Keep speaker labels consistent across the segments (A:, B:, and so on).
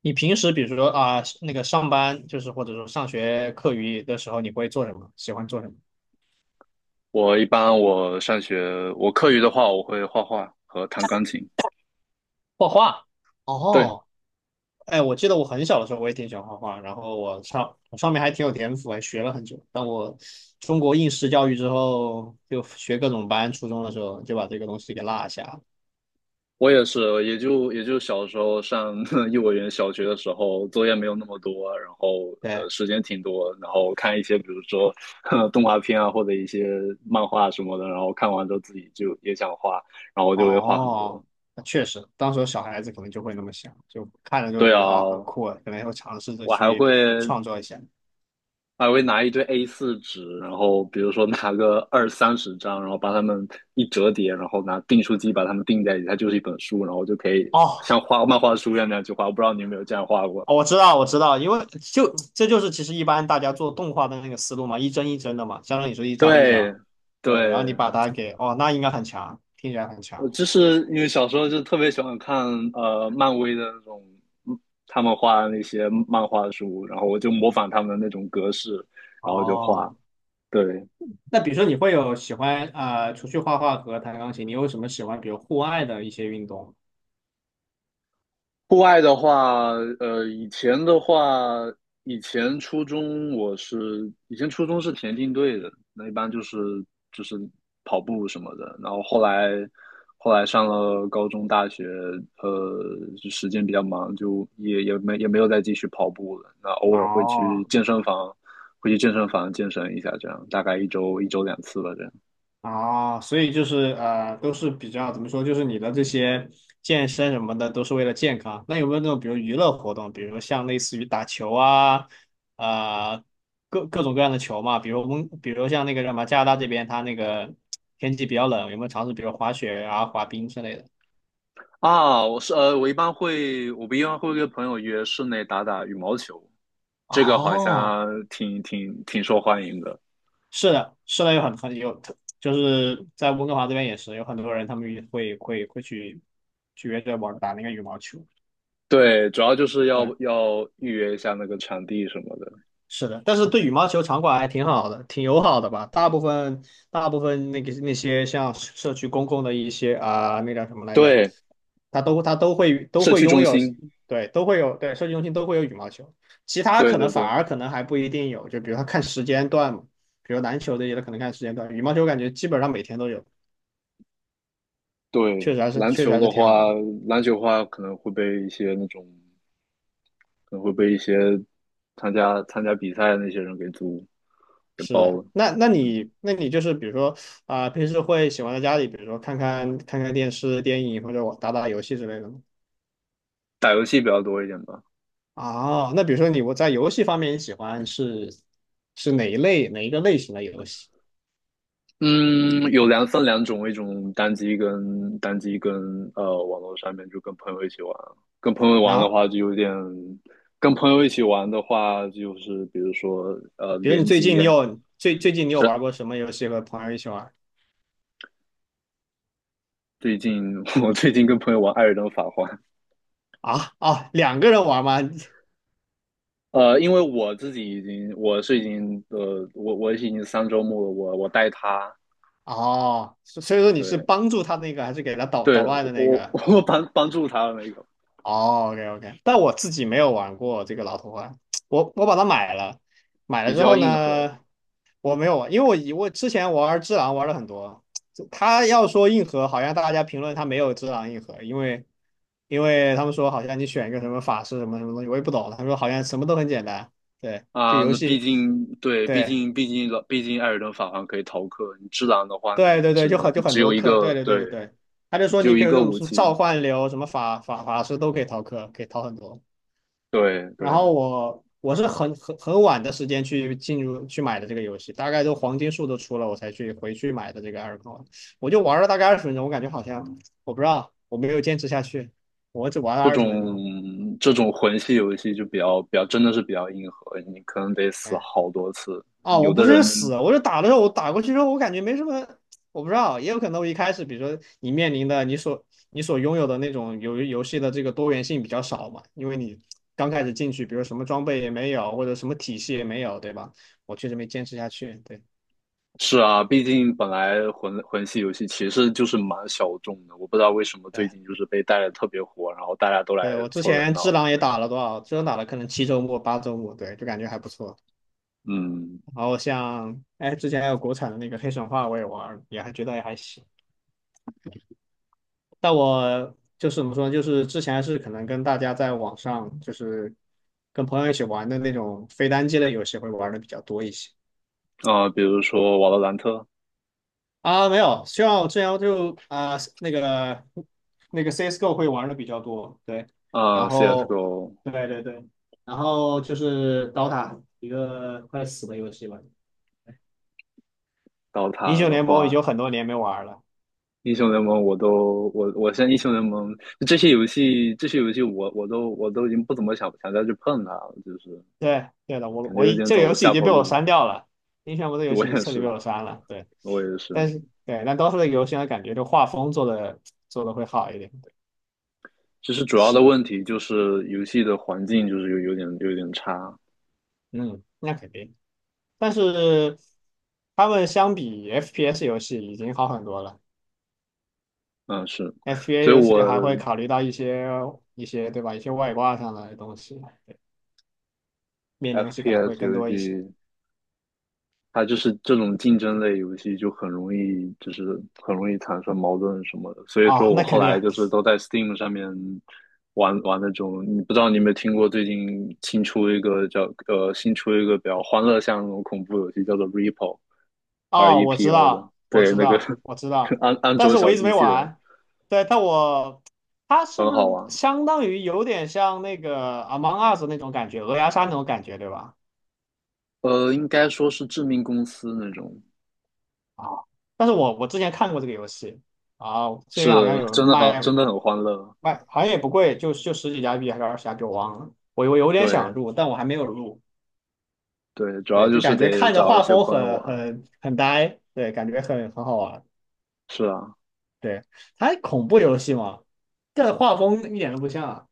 A: 你平时比如说啊，那个上班就是或者说上学课余的时候，你会做什么？喜欢做什么？
B: 我一般我上学，我课余的话，我会画画和弹钢琴。
A: 画画。
B: 对，
A: 哦。哎，我记得我很小的时候我也挺喜欢画画，然后我上面还挺有天赋，还学了很久。但我中国应试教育之后，就学各种班，初中的时候就把这个东西给落下了。
B: 我也是，也就小时候上 幼儿园、小学的时候，作业没有那么多，然后
A: 对。
B: 时间挺多，然后看一些比如说 动画片啊，或者一些漫画什么的，然后看完之后自己就也想画，然后我就会画很
A: 哦，
B: 多。
A: 那确实，当时小孩子可能就会那么想，就看了就
B: 对啊，
A: 觉得啊、很酷啊，可能会尝试着
B: 我还
A: 去
B: 会
A: 创作一下。
B: 还会拿一堆 A4 纸，然后比如说拿个二三十张，然后把它们一折叠，然后拿订书机把它们订在一起，它就是一本书，然后就可以
A: 哦。
B: 像画漫画书一样那样去画。我不知道你有没有这样画过？
A: 哦我知道，我知道，因为就这就是其实一般大家做动画的那个思路嘛，一帧一帧的嘛，相当于说一张一
B: 对，
A: 张。对，然后
B: 对，
A: 你把它给，哦，那应该很强，听起来很
B: 我
A: 强。
B: 就是因为小时候就特别喜欢看漫威的那种，嗯他们画的那些漫画书，然后我就模仿他们的那种格式，然后就画。
A: 哦，
B: 对，
A: 那比如说你会有喜欢啊、除去画画和弹钢琴，你有什么喜欢比如户外的一些运动？
B: 户外的话，以前的话，以前初中是田径队的，那一般就是跑步什么的。然后后来上了高中、大学，呃，就时间比较忙，就也没有再继续跑步了。那偶尔会去
A: 哦。
B: 健身房，会去健身房健身一下，这样大概一周两次吧，这样。
A: 啊，所以就是都是比较怎么说，就是你的这些健身什么的，都是为了健康。那有没有那种比如娱乐活动，比如像类似于打球啊，啊、各种各样的球嘛，比如温，比如像那个什么加拿大这边，它那个天气比较冷，有没有尝试比如滑雪啊、滑冰之类的？
B: 啊，我是呃，我一般会，我不一般会跟朋友约室内打打羽毛球，这个好
A: 哦。
B: 像挺受欢迎的。
A: 是的，是的，有很很有，就是在温哥华这边也是有很多人，他们会去去约着玩打那个羽毛球。
B: 对，主要就是要
A: 对。
B: 要预约一下那个场地什么的。
A: 是的，但是对羽毛球场馆还挺好的，挺友好的吧？大部分那个那些像社区公共的一些啊、那叫什么来着？
B: 对，
A: 它都会都
B: 社
A: 会
B: 区
A: 拥
B: 中
A: 有。
B: 心。
A: 对，都会有，对，社区中心都会有羽毛球，其他
B: 对
A: 可能
B: 对
A: 反
B: 对
A: 而可能还不一定有，就比如它看时间段嘛，比如篮球这些它可能看时间段，羽毛球感觉基本上每天都有，确
B: 对，
A: 实还是
B: 篮
A: 确实
B: 球
A: 还是
B: 的
A: 挺好
B: 话，
A: 的。
B: 篮球的话可能会被一些参加比赛的那些人给租给
A: 是
B: 包
A: 的。
B: 了。
A: 那你就是比如说啊、平时会喜欢在家里，比如说看电视、电影或者我打打游戏之类的吗？
B: 打游戏比较多一点吧。
A: 啊，那比如说你在游戏方面，你喜欢是是哪一类哪一个类型的游戏
B: 嗯，有两种，一种单机跟网络上面就跟朋友一起玩，跟朋友玩的
A: 啊？
B: 话就有点，跟朋友一起玩的话就是比如说
A: 比如你
B: 联
A: 最
B: 机，
A: 近你有最近你有
B: 是
A: 玩过什么游戏和朋友一起玩
B: 最近 我最近跟朋友玩《艾尔登法环》，
A: 啊？哦，两个人玩吗？
B: 因为我自己已经我是已经呃我已经3周目了，我带他，
A: 哦，所所以说你是
B: 对
A: 帮助他那个，还是给他捣捣
B: 对，
A: 乱的那
B: 我
A: 个？
B: 我 帮助他的那个
A: 哦，OK OK,但我自己没有玩过这个老头环，我把它买了，买了
B: 比
A: 之
B: 较
A: 后
B: 硬核，
A: 呢，我没有玩，因为我之前玩只狼玩了很多，他要说硬核，好像大家评论他没有只狼硬核，因为。因为他们说好像你选一个什么法师什么什么东西，我也不懂。他们说好像什么都很简单。对，这
B: 啊，
A: 游
B: 那毕
A: 戏。
B: 竟对，毕
A: 对
B: 竟毕竟老毕竟艾尔登法环可以逃课，你只狼的话，
A: 对对对，就很就
B: 你
A: 很
B: 只有
A: 多
B: 一
A: 课，对
B: 个，
A: 对对对
B: 对，
A: 对。他就
B: 你
A: 说
B: 只有
A: 你可
B: 一
A: 以有
B: 个
A: 这种
B: 武
A: 什么
B: 器，
A: 召唤流、什么法师都可以逃课，可以逃很多。
B: 对
A: 然
B: 对，
A: 后我是很晚的时间去进入去买的这个游戏，大概都黄金树都出了，我才去回去买的这个二尔。我就玩了大概二十分钟，我感觉好像我不知道我没有坚持下去，我只玩了
B: 这
A: 二十分钟。
B: 种这种魂系游戏就比较比较真的是比较硬核，你可能得死
A: 哎。
B: 好多次。
A: 啊，我
B: 有
A: 不
B: 的人
A: 是死，我是打的时候，我打过去之后，我感觉没什么，我不知道，也有可能我一开始，比如说你面临的你所拥有的那种游戏的这个多元性比较少嘛，因为你刚开始进去，比如什么装备也没有，或者什么体系也没有，对吧？我确实没坚持下去。对，
B: 是啊，毕竟本来魂系游戏其实就是蛮小众的，我不知道为什么最
A: 对，
B: 近就是被带的特别火，然后大家都来
A: 对，我之
B: 凑热
A: 前只
B: 闹。
A: 狼也
B: 对，
A: 打了多少？只狼打了可能7周末、8周末，对，就感觉还不错。
B: 嗯，
A: 然后像哎，之前还有国产的那个黑神话我也玩儿也还觉得也还行。但我就是怎么说呢？就是之前是可能跟大家在网上，就是跟朋友一起玩的那种非单机类游戏会玩的比较多一些
B: 啊、比如说《瓦罗兰特》
A: 啊。没有，像我之前就啊、那个那个 CS:GO 会玩的比较多。对，
B: 啊，
A: 然后
B: 《CS:GO》。
A: 对对对，然后就是 DOTA 一个快死的游戏吧，
B: 刀
A: 英
B: 塔
A: 雄
B: 的
A: 联盟已
B: 话，
A: 经有很多年没玩了。
B: 英雄联盟我都我我现在英雄联盟这些游戏我都已经不怎么想再去碰它了，就是
A: 对对的，我
B: 感觉
A: 我
B: 有
A: 已
B: 点
A: 这个游
B: 走
A: 戏已
B: 下
A: 经
B: 坡
A: 被我
B: 路。
A: 删掉了，英雄联盟这个游戏
B: 我
A: 已经
B: 也
A: 彻底被
B: 是，
A: 我删了。对，
B: 我也
A: 但
B: 是。
A: 是对，但 d o 的游戏呢，感觉就画风做的会好一点。对。
B: 其实主要的
A: 是，
B: 问题就是游戏的环境就是有点差，
A: 嗯，那肯定。但是他们相比 FPS 游戏已经好很多了
B: 嗯是，
A: ，FPS
B: 所以
A: 游戏还
B: 我
A: 会考虑到一些一些对吧，一些外挂上的东西，面临东西可能会
B: FPS
A: 更
B: 游
A: 多一些。
B: 戏它就是这种竞争类游戏就很容易，就是很容易产生矛盾什么的。所以
A: 哦，
B: 说我
A: 那
B: 后
A: 肯
B: 来
A: 定。
B: 就是都在 Steam 上面玩玩那种，你不知道你有没有听过最近新出一个比较欢乐向那种恐怖游戏，叫做 Repo，R
A: 哦，
B: E
A: 我
B: P
A: 知
B: O 的，
A: 道，我
B: 对，
A: 知
B: 那个
A: 道，我知 道，
B: 安安
A: 但
B: 卓
A: 是我
B: 小
A: 一直
B: 机
A: 没
B: 器人
A: 玩。对，但我它是
B: 很
A: 不
B: 好
A: 是
B: 玩。
A: 相当于有点像那个《Among Us》那种感觉，鹅鸭杀那种感觉，对吧？
B: 应该说是致命公司那种，
A: 啊，但是我之前看过这个游戏啊，这边好像
B: 是
A: 有
B: 真的很
A: 卖
B: 真的很欢乐。
A: 卖，好像也不贵，就就十几加币还是20加币，我忘了。我有点想
B: 对
A: 入，但我还没有入。
B: 对，主要
A: 对，
B: 就
A: 就
B: 是
A: 感觉
B: 得
A: 看着
B: 找一
A: 画
B: 些
A: 风
B: 朋友
A: 很
B: 玩。
A: 很很呆，对，感觉很好玩。
B: 是啊，
A: 对，它恐怖游戏嘛，这画风一点都不像啊。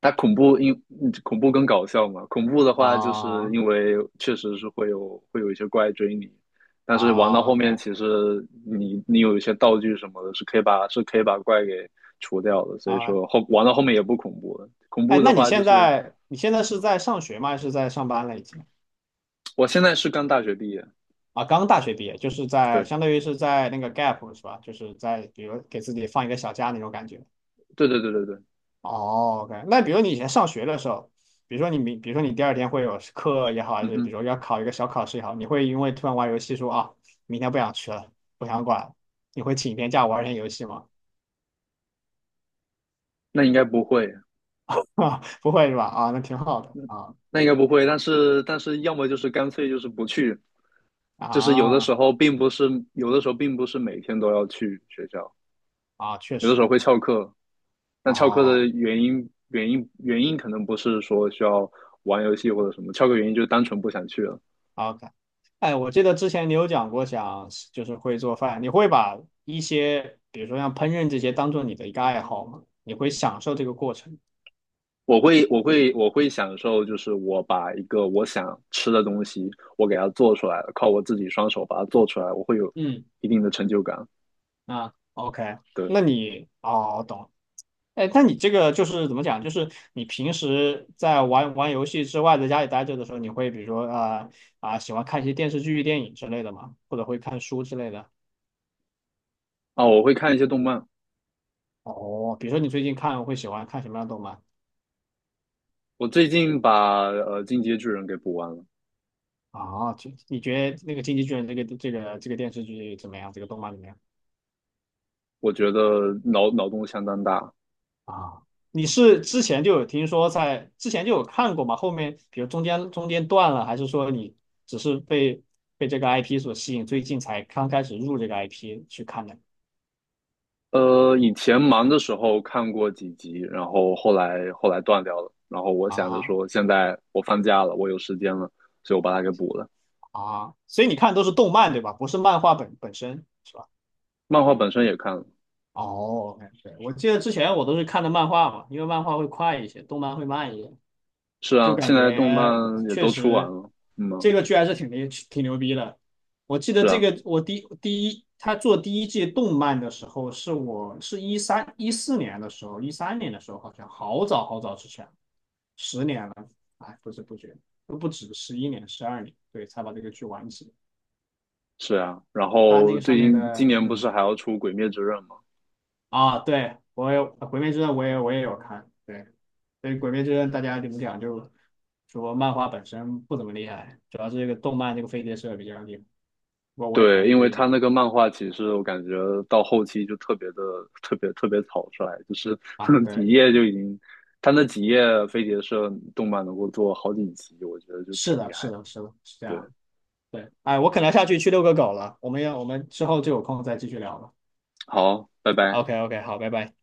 B: 它恐怖因嗯恐怖更搞笑嘛，恐怖的话就是
A: 啊。
B: 因为确实是会有一些怪追你，但是玩到
A: 啊
B: 后面
A: ，OK。
B: 其实你有一些道具什么的，是可以把怪给除掉的，所以
A: 啊，
B: 说玩到后面也不恐怖了。恐
A: 哎，
B: 怖的
A: 那你
B: 话就
A: 现
B: 是
A: 在你现在是在上学吗？还是在上班了已经？
B: 我现在是刚大学毕业，
A: 啊，刚大学毕业，就是在
B: 对
A: 相当于是在那个 gap 是吧？就是在比如给自己放一个小假那种感觉。
B: 对对对对对，
A: 哦，OK,那比如你以前上学的时候，比如说你第二天会有课也好，还
B: 嗯
A: 是比
B: 哼，
A: 如说要考一个小考试也好，你会因为突然玩游戏说啊，明天不想去了，不想管了你会请一天假玩一天游戏吗？
B: 那应该不会，
A: 啊，不会是吧？啊，那挺好的啊。
B: 那应
A: 对
B: 该不会，但是要么就是干脆就是不去，就是有的时
A: 啊
B: 候并不是有的时候并不是每天都要去学校，
A: 啊，确
B: 有的时
A: 实。
B: 候会翘课。但翘课的
A: 哦
B: 原因可能不是说需要玩游戏或者什么，翘课原因就是单纯不想去了。
A: ，OK。哎，我记得之前你有讲过想就是会做饭，你会把一些比如说像烹饪这些当做你的一个爱好吗？你会享受这个过程？
B: 我会享受，就是我把一个我想吃的东西，我给它做出来了，靠我自己双手把它做出来，我会有
A: 嗯。
B: 一定的成就感。
A: 啊，OK,
B: 对
A: 那你哦，懂了。哎，那你这个就是怎么讲？就是你平时在玩玩游戏之外，在家里待着的时候，你会比如说啊啊、喜欢看一些电视剧、电影之类的吗？或者会看书之类的？
B: 啊，我会看一些动漫。
A: 哦，比如说你最近看会喜欢看什么样的动漫？
B: 我最近把《进阶巨人》给补完了，
A: 啊，就你觉得那个《进击巨人》这个这个这个电视剧怎么样？这个动漫怎么样？
B: 我觉得脑洞相当大。
A: 啊，你是之前就有听说在之前就有看过吗？后面比如中间断了，还是说你只是被这个 IP 所吸引，最近才刚开始入这个 IP 去看的？
B: 以前忙的时候看过几集，然后后来断掉了。然后我想着
A: 啊
B: 说，现在我放假了，我有时间了，所以我把它给补了。
A: 啊，所以你看都是动漫对吧？不是漫画本身是吧？
B: 漫画本身也看了，
A: 哦，对，我记得之前我都是看的漫画嘛，因为漫画会快一些，动漫会慢一些。
B: 是
A: 就
B: 啊，
A: 感
B: 现在动
A: 觉
B: 漫也
A: 确
B: 都出完
A: 实
B: 了，嗯啊，
A: 这个剧还是挺牛逼的。我记得
B: 是
A: 这
B: 啊，
A: 个我第第一他做第一季动漫的时候，是2013、2014年的时候，2013年的时候好像好早好早之前，10年了。哎，不知不觉都不止11年、12年，对，才把这个剧完结。
B: 是啊。然
A: 他那
B: 后
A: 个
B: 最
A: 上面
B: 近今
A: 的，
B: 年不
A: 嗯。
B: 是还要出《鬼灭之刃》吗？
A: 啊，对我也《鬼灭之刃》，我也有看，对。所以《鬼灭之刃》，大家怎么讲就说漫画本身不怎么厉害，主要是这个动漫这个飞碟社比较厉害。我也同
B: 对，
A: 意
B: 因
A: 这
B: 为
A: 一
B: 他
A: 点。
B: 那个漫画其实我感觉到后期就特别特别草率，就是
A: 啊，
B: 几
A: 对，
B: 页就已经，他那几页飞碟社动漫能够做好几集，我觉得就挺
A: 是的，
B: 厉害
A: 是
B: 的。
A: 的，是的，是这
B: 对，
A: 样。对。哎，我可能下去去遛个狗了，我们之后就有空再继续聊了。
B: 好，拜拜。
A: OK OK,好，拜拜。